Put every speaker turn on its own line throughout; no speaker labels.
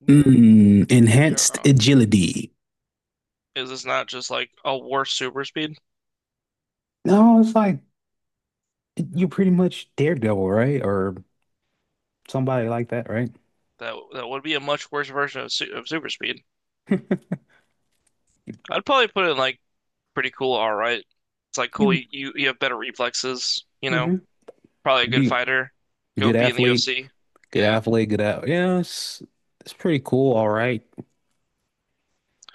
We're we are
Enhanced
on.
agility.
Is this not just like a worse super speed?
No, it's like you pretty much Daredevil, right? Or somebody like that, right?
That would be a much worse version of, su of super speed. I'd probably put it in like pretty cool. All right, it's like cool.
You,
You have better reflexes.
hmm
Probably a
you
good
be
fighter. Go
good
be in the
athlete,
UFC.
good
Yeah.
athlete, good at. Yeah, it's pretty cool. All right.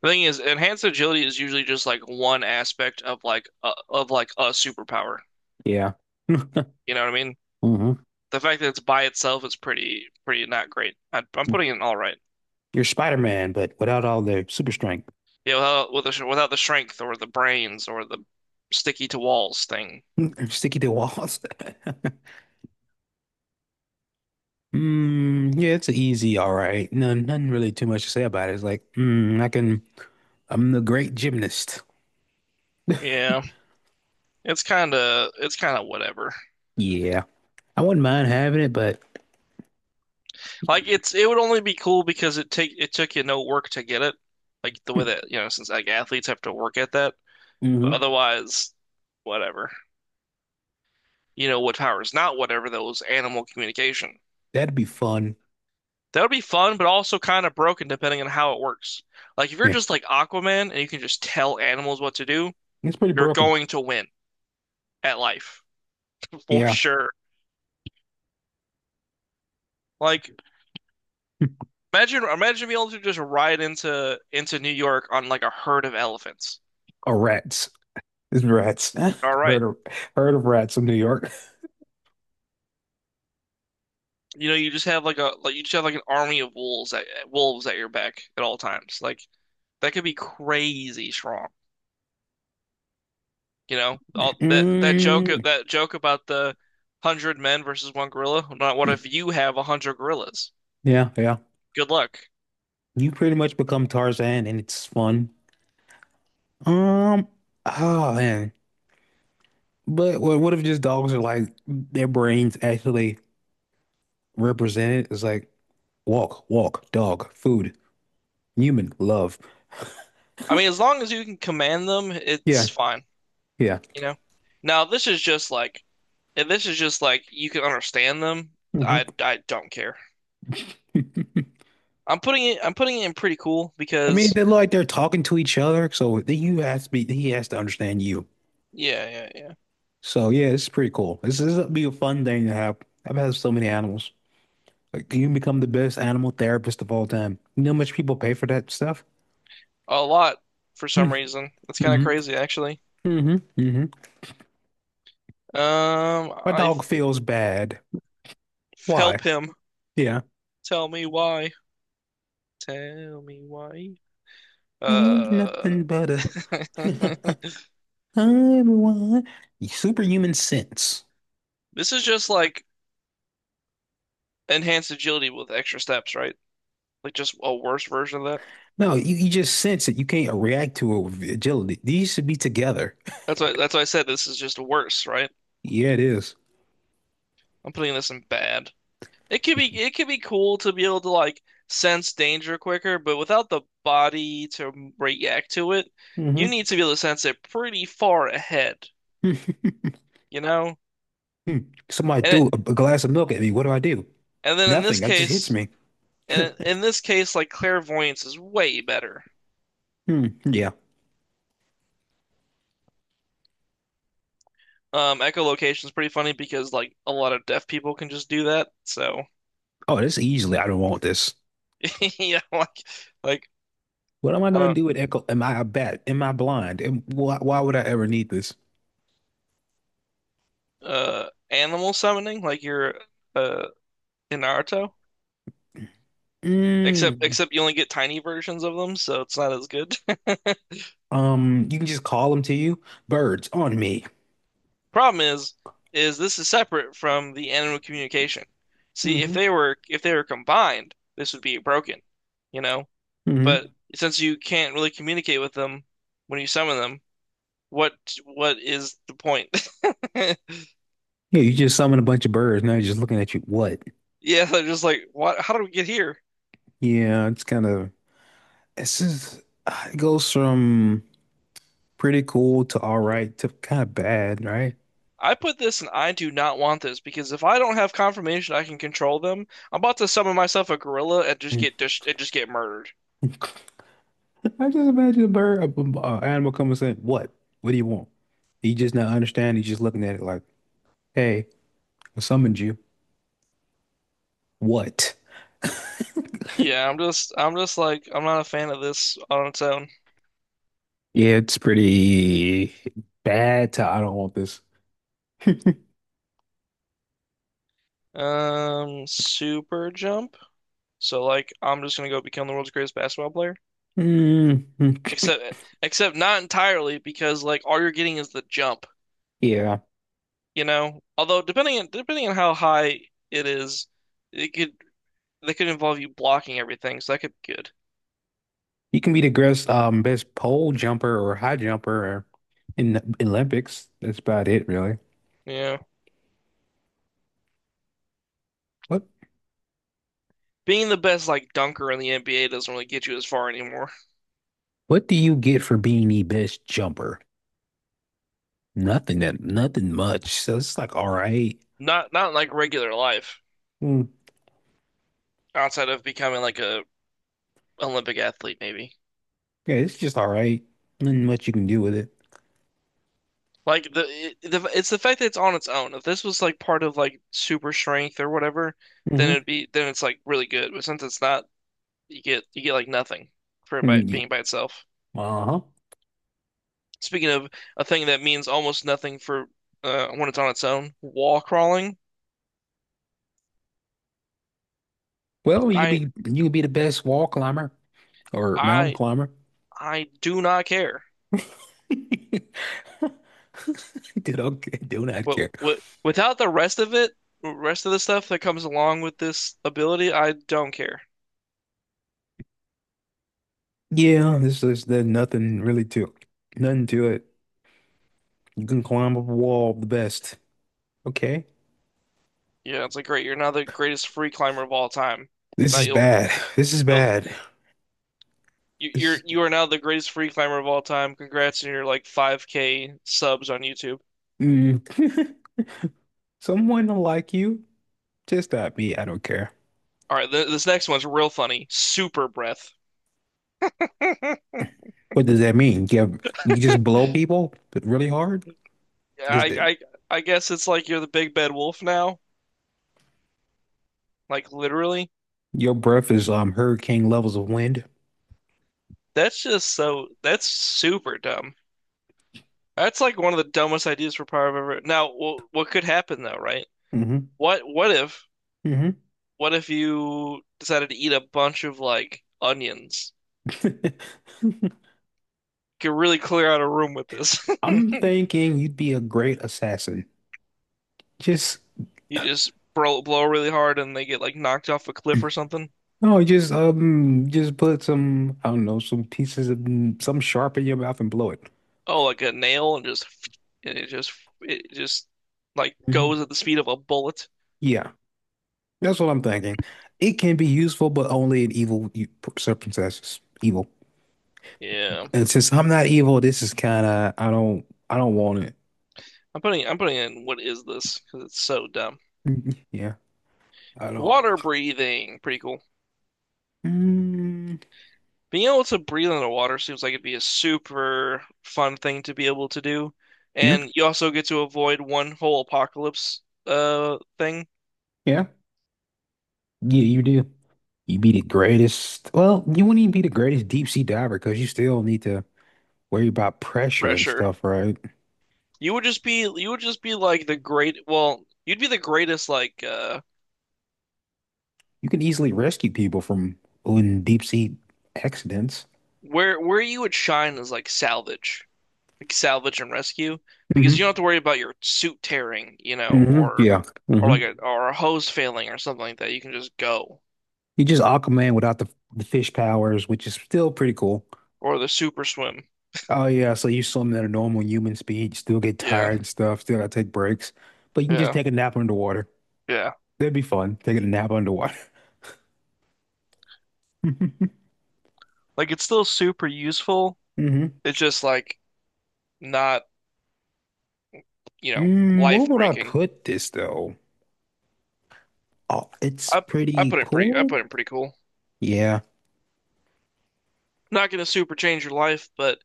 The thing is, enhanced agility is usually just like one aspect of of like a superpower.
Yeah.
You know what I mean?
hmm
The fact that it's by itself is pretty not great. I'm putting it in all right.
You're Spider-Man, but without all the super strength.
Yeah, without the strength or the brains or the sticky to walls thing.
Sticky to walls. Yeah, it's a easy, all right. No, nothing really too much to say about it. It's like, mm, I can, I'm the great gymnast.
Yeah, it's kind of whatever.
Yeah. I wouldn't mind having it, but
Like it would only be cool because it took you no work to get it. Like the way that, you know, since like athletes have to work at that, but
hmm
otherwise whatever. You know what power is not whatever though? Is animal communication.
That'd be fun.
That would be fun, but also kind of broken depending on how it works. Like if you're
Yeah,
just like Aquaman and you can just tell animals what to do,
it's pretty
you're
broken.
going to win at life for
Yeah,
sure. Like imagine being able to just ride into New York on like a herd of elephants.
or rats. It's rats.
All right.
Heard of heard of rats in New York.
You know, you just have like a like you just have like an army of wolves at your back at all times. Like that could be crazy strong. You know, all that
Mm,
joke about the hundred men versus one gorilla. Not, what if you have a hundred gorillas?
yeah, yeah.
Good luck.
You pretty much become Tarzan, and it's fun. Um, oh man. But what if just dogs are like their brains actually represented? It's like walk, walk, dog, food, human, love.
I mean, as long as you can command them,
Yeah,
it's fine.
yeah.
You know. Now this is just like, if this is just like you can understand them,
hmm
I don't care. I'm putting it in pretty cool
I mean,
because
they're like they're talking to each other, so you has to be he has to understand you.
yeah, yeah, yeah.
So yeah, it's pretty cool. This would be a fun thing to have. I've had so many animals. Like you can become the best animal therapist of all time. You know how much people pay for that stuff?
A lot, for some
Mm-hmm.
reason. That's kind of
hmm
crazy actually.
hmm hmm
Um,
My
I
dog feels bad. Why?
help him.
Yeah.
Tell me why. Tell me why.
Ain't
Uh,
nothing but a everyone. Superhuman sense.
this is just like enhanced agility with extra steps, right? Like just a worse version of that.
No, you just sense it. You can't react to it with agility. These should be together.
That's why I said this is just worse, right?
Yeah, it is.
I'm putting this in bad. It could be, cool to be able to like sense danger quicker, but without the body to react to it,
Mm-hmm.
you need to be able to sense it pretty far ahead, you know?
Somebody
And
threw
it,
a glass of milk at me. What do I do?
and then in this
Nothing. That just hits
case,
me.
like clairvoyance is way better.
Hmm. Yeah.
Echolocation is pretty funny because like a lot of deaf people can just do that. So
Oh, this easily. I don't want this.
yeah, like like
What am I
I
going to
don't,
do with Echo? Am I a bat? Am I blind? And why would I ever need this?
uh, animal summoning, like you're uh in Naruto. Except
Mm.
except you only get tiny versions of them, so it's not as good.
You can just call them to you. Birds on me.
Problem is this is separate from the animal communication. See,
Hmm
if they were combined, this would be broken, you know?
hmm
But since you can't really communicate with them when you summon them, what what is the point?
Yeah, you just summon a bunch of birds. Now you're just looking at you. What?
Yeah, they're just like, what? How did we get here?
Yeah, it's kind of. This is. It goes from pretty cool to all right to kind of bad, right?
I put this and I do not want this, because if I don't have confirmation I can control them, I'm about to summon myself a gorilla and just get murdered.
I just imagine a animal coming saying, "What? What do you want?" He just not understanding. He's just looking at it like, "Hey, I summoned you. What?"
Yeah, I'm just like, I'm not a fan of this on its own.
Yeah, it's pretty bad. I don't want this.
Super jump. So like I'm just gonna go become the world's greatest basketball player.
Mhm.
Except except not entirely because like all you're getting is the jump,
Yeah,
you know? Although depending on how high it is, it could that could involve you blocking everything, so that could be good.
you can be the best, best pole jumper or high jumper or in the Olympics. That's about it, really.
Yeah.
What
Being the best like dunker in the NBA doesn't really get you as far anymore.
What do you get for being the best jumper? Nothing much. So it's like, all right.
Not in like regular life,
Hmm.
outside of becoming like a Olympic athlete maybe.
Yeah, it's just all right. Nothing much you can do with it.
Like the, it, the it's the fact that it's on its own. If this was like part of like super strength or whatever, then it'd
Hmm
be then it's like really good. But since it's not, you get like nothing for it
Mm,
by
yeah.
being by itself.
Uh-huh.
Speaking of a thing that means almost nothing for, when it's on its own, wall crawling.
Well,
I
you could be the best wall climber or mountain
I
climber.
I do not care.
Do not do not care.
What without the rest of it, rest of the stuff that comes along with this ability, I don't care.
Yeah, this is there's nothing really to Nothing to it. You can climb up a wall the best. Okay.
Yeah, it's like great. You're now the greatest free climber of all time.
This
Now
is bad. This is
you'll
bad.
You, you're
This
You are now the greatest free climber of all time. Congrats on your like 5K subs on YouTube.
mm. Someone will like you, just not me. I don't care.
All right, th this next one's real funny. Super breath. I,
What does that mean? You have, you just blow people really hard? Is that
I I guess it's like you're the big bad wolf now. Like literally.
Your breath is hurricane levels of wind.
That's just so That's super dumb. That's like one of the dumbest ideas for power I've ever. Now, what could happen though, right?
Hmm
What what if
hmm
what if you decided to eat a bunch of like onions? Could really clear out a room with this.
I'm thinking you'd be a great assassin. Just
You just blow really hard and they get like knocked off a cliff or something.
no, Just just put some I don't know some pieces of some sharp in your mouth and blow it.
Oh, like a nail, and just and it just it just like goes
Hmm
at the speed of a bullet.
Yeah, that's what I'm thinking. It can be useful, but only in evil u- Circumstances. Evil,
Yeah.
and since I'm not evil, this is kind of I don't want it.
I'm putting in what is this? Because it's so dumb.
Mhm. Yeah, I don't.
Water breathing, pretty cool.
Mm,
Being able to breathe in the water seems like it'd be a super fun thing to be able to do.
yeah,
And you also get to avoid one whole apocalypse thing,
yeah, yeah. You do. You be the greatest. Well, you wouldn't even be the greatest deep sea diver because you still need to worry about pressure and
pressure.
stuff, right?
You would just be like the great, well, you'd be the greatest like, uh,
You can easily rescue people from in deep sea accidents.
where where you would shine is like salvage and rescue, because you
Hmm
don't have to worry about your suit tearing, you know,
hmm
or
Yeah.
or
hmm
like a or a hose failing or something like that. You can just go,
You just Aquaman without the fish powers, which is still pretty cool.
or the super swim.
Oh yeah, so you swim at a normal human speed, you still get
Yeah,
tired and stuff, still gotta take breaks, but you can just
yeah,
take a nap underwater.
yeah.
That'd be fun, taking a nap underwater. hmm
Like it's still super useful. It's just like not, you know,
Mm, where
life
would I
breaking.
put this though? Oh, it's
I
pretty
I
cool.
put in pretty cool.
Yeah.
Not gonna super change your life, but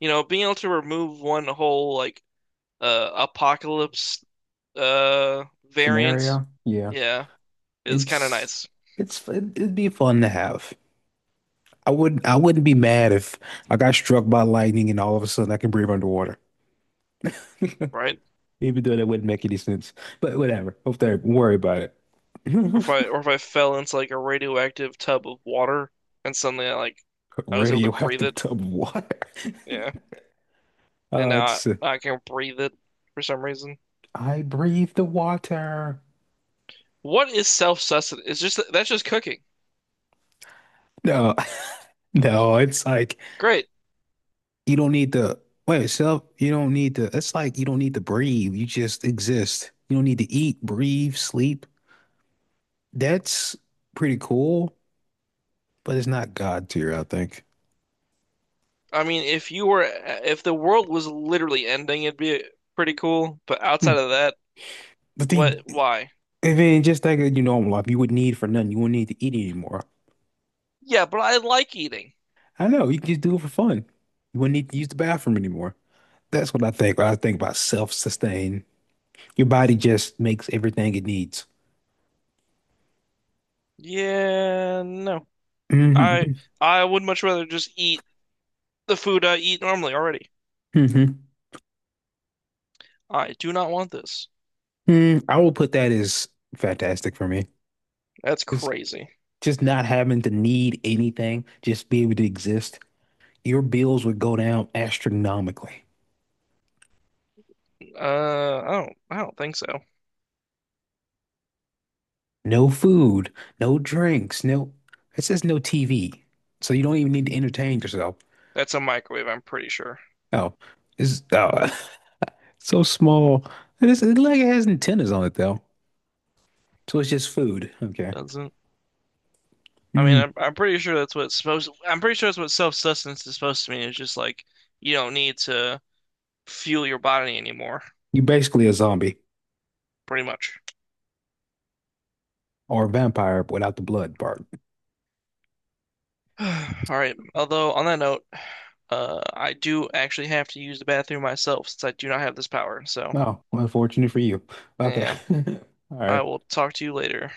you know, being able to remove one whole like apocalypse uh variant.
Scenario. Yeah.
Yeah, it's kind of
It's
nice,
It'd be fun to have. I wouldn't be mad if I got struck by lightning and all of a sudden I can breathe underwater.
right?
Even though that wouldn't make any sense. But whatever. Hope they don't worry about it.
Or if I fell into like a radioactive tub of water and suddenly I like I was able to breathe
Radioactive
it.
tub of water.
Yeah, and now
It's
I can breathe it for some reason.
I breathe the water.
What is self-sustenance? It's just that's just cooking.
No, no, it's like
Great.
You don't need to you don't need to, it's like you don't need to breathe. You just exist. You don't need to eat, breathe, sleep. That's pretty cool, but it's not God tier, I think.
I mean, if you were if the world was literally ending, it'd be pretty cool. But outside
Hmm.
of that,
But then,
what? Why?
and then just like in your normal life, you would need for nothing. You wouldn't need to eat anymore.
Yeah, but I like eating.
I know, you can just do it for fun. You wouldn't need to use the bathroom anymore. That's what I think. When I think about self-sustain. Your body just makes everything it needs.
Yeah, no. I
Hmm
I would much rather just eat the food I eat normally already.
hmm
I do not want this.
I will put that as fantastic for me.
That's
It's
crazy.
Just not having to need anything, just be able to exist. Your bills would go down astronomically.
I don't think so.
No food, no drinks, no, it says no TV. So you don't even need to entertain yourself.
That's a microwave, I'm pretty sure.
Oh, it's Oh, so small. It like it has antennas on it though. So it's just food. Okay.
Doesn't. I mean,
Mm.
I'm pretty sure that's what it's supposed I'm pretty sure that's what self-sustenance is supposed to mean. It's just like you don't need to fuel your body anymore,
You're basically a zombie
pretty much.
or a vampire without the blood part.
All right. Although on that note, I do actually have to use the bathroom myself since I do not have this power. So,
Oh, unfortunate for you. Okay.
yeah,
All
I
right.
will talk to you later.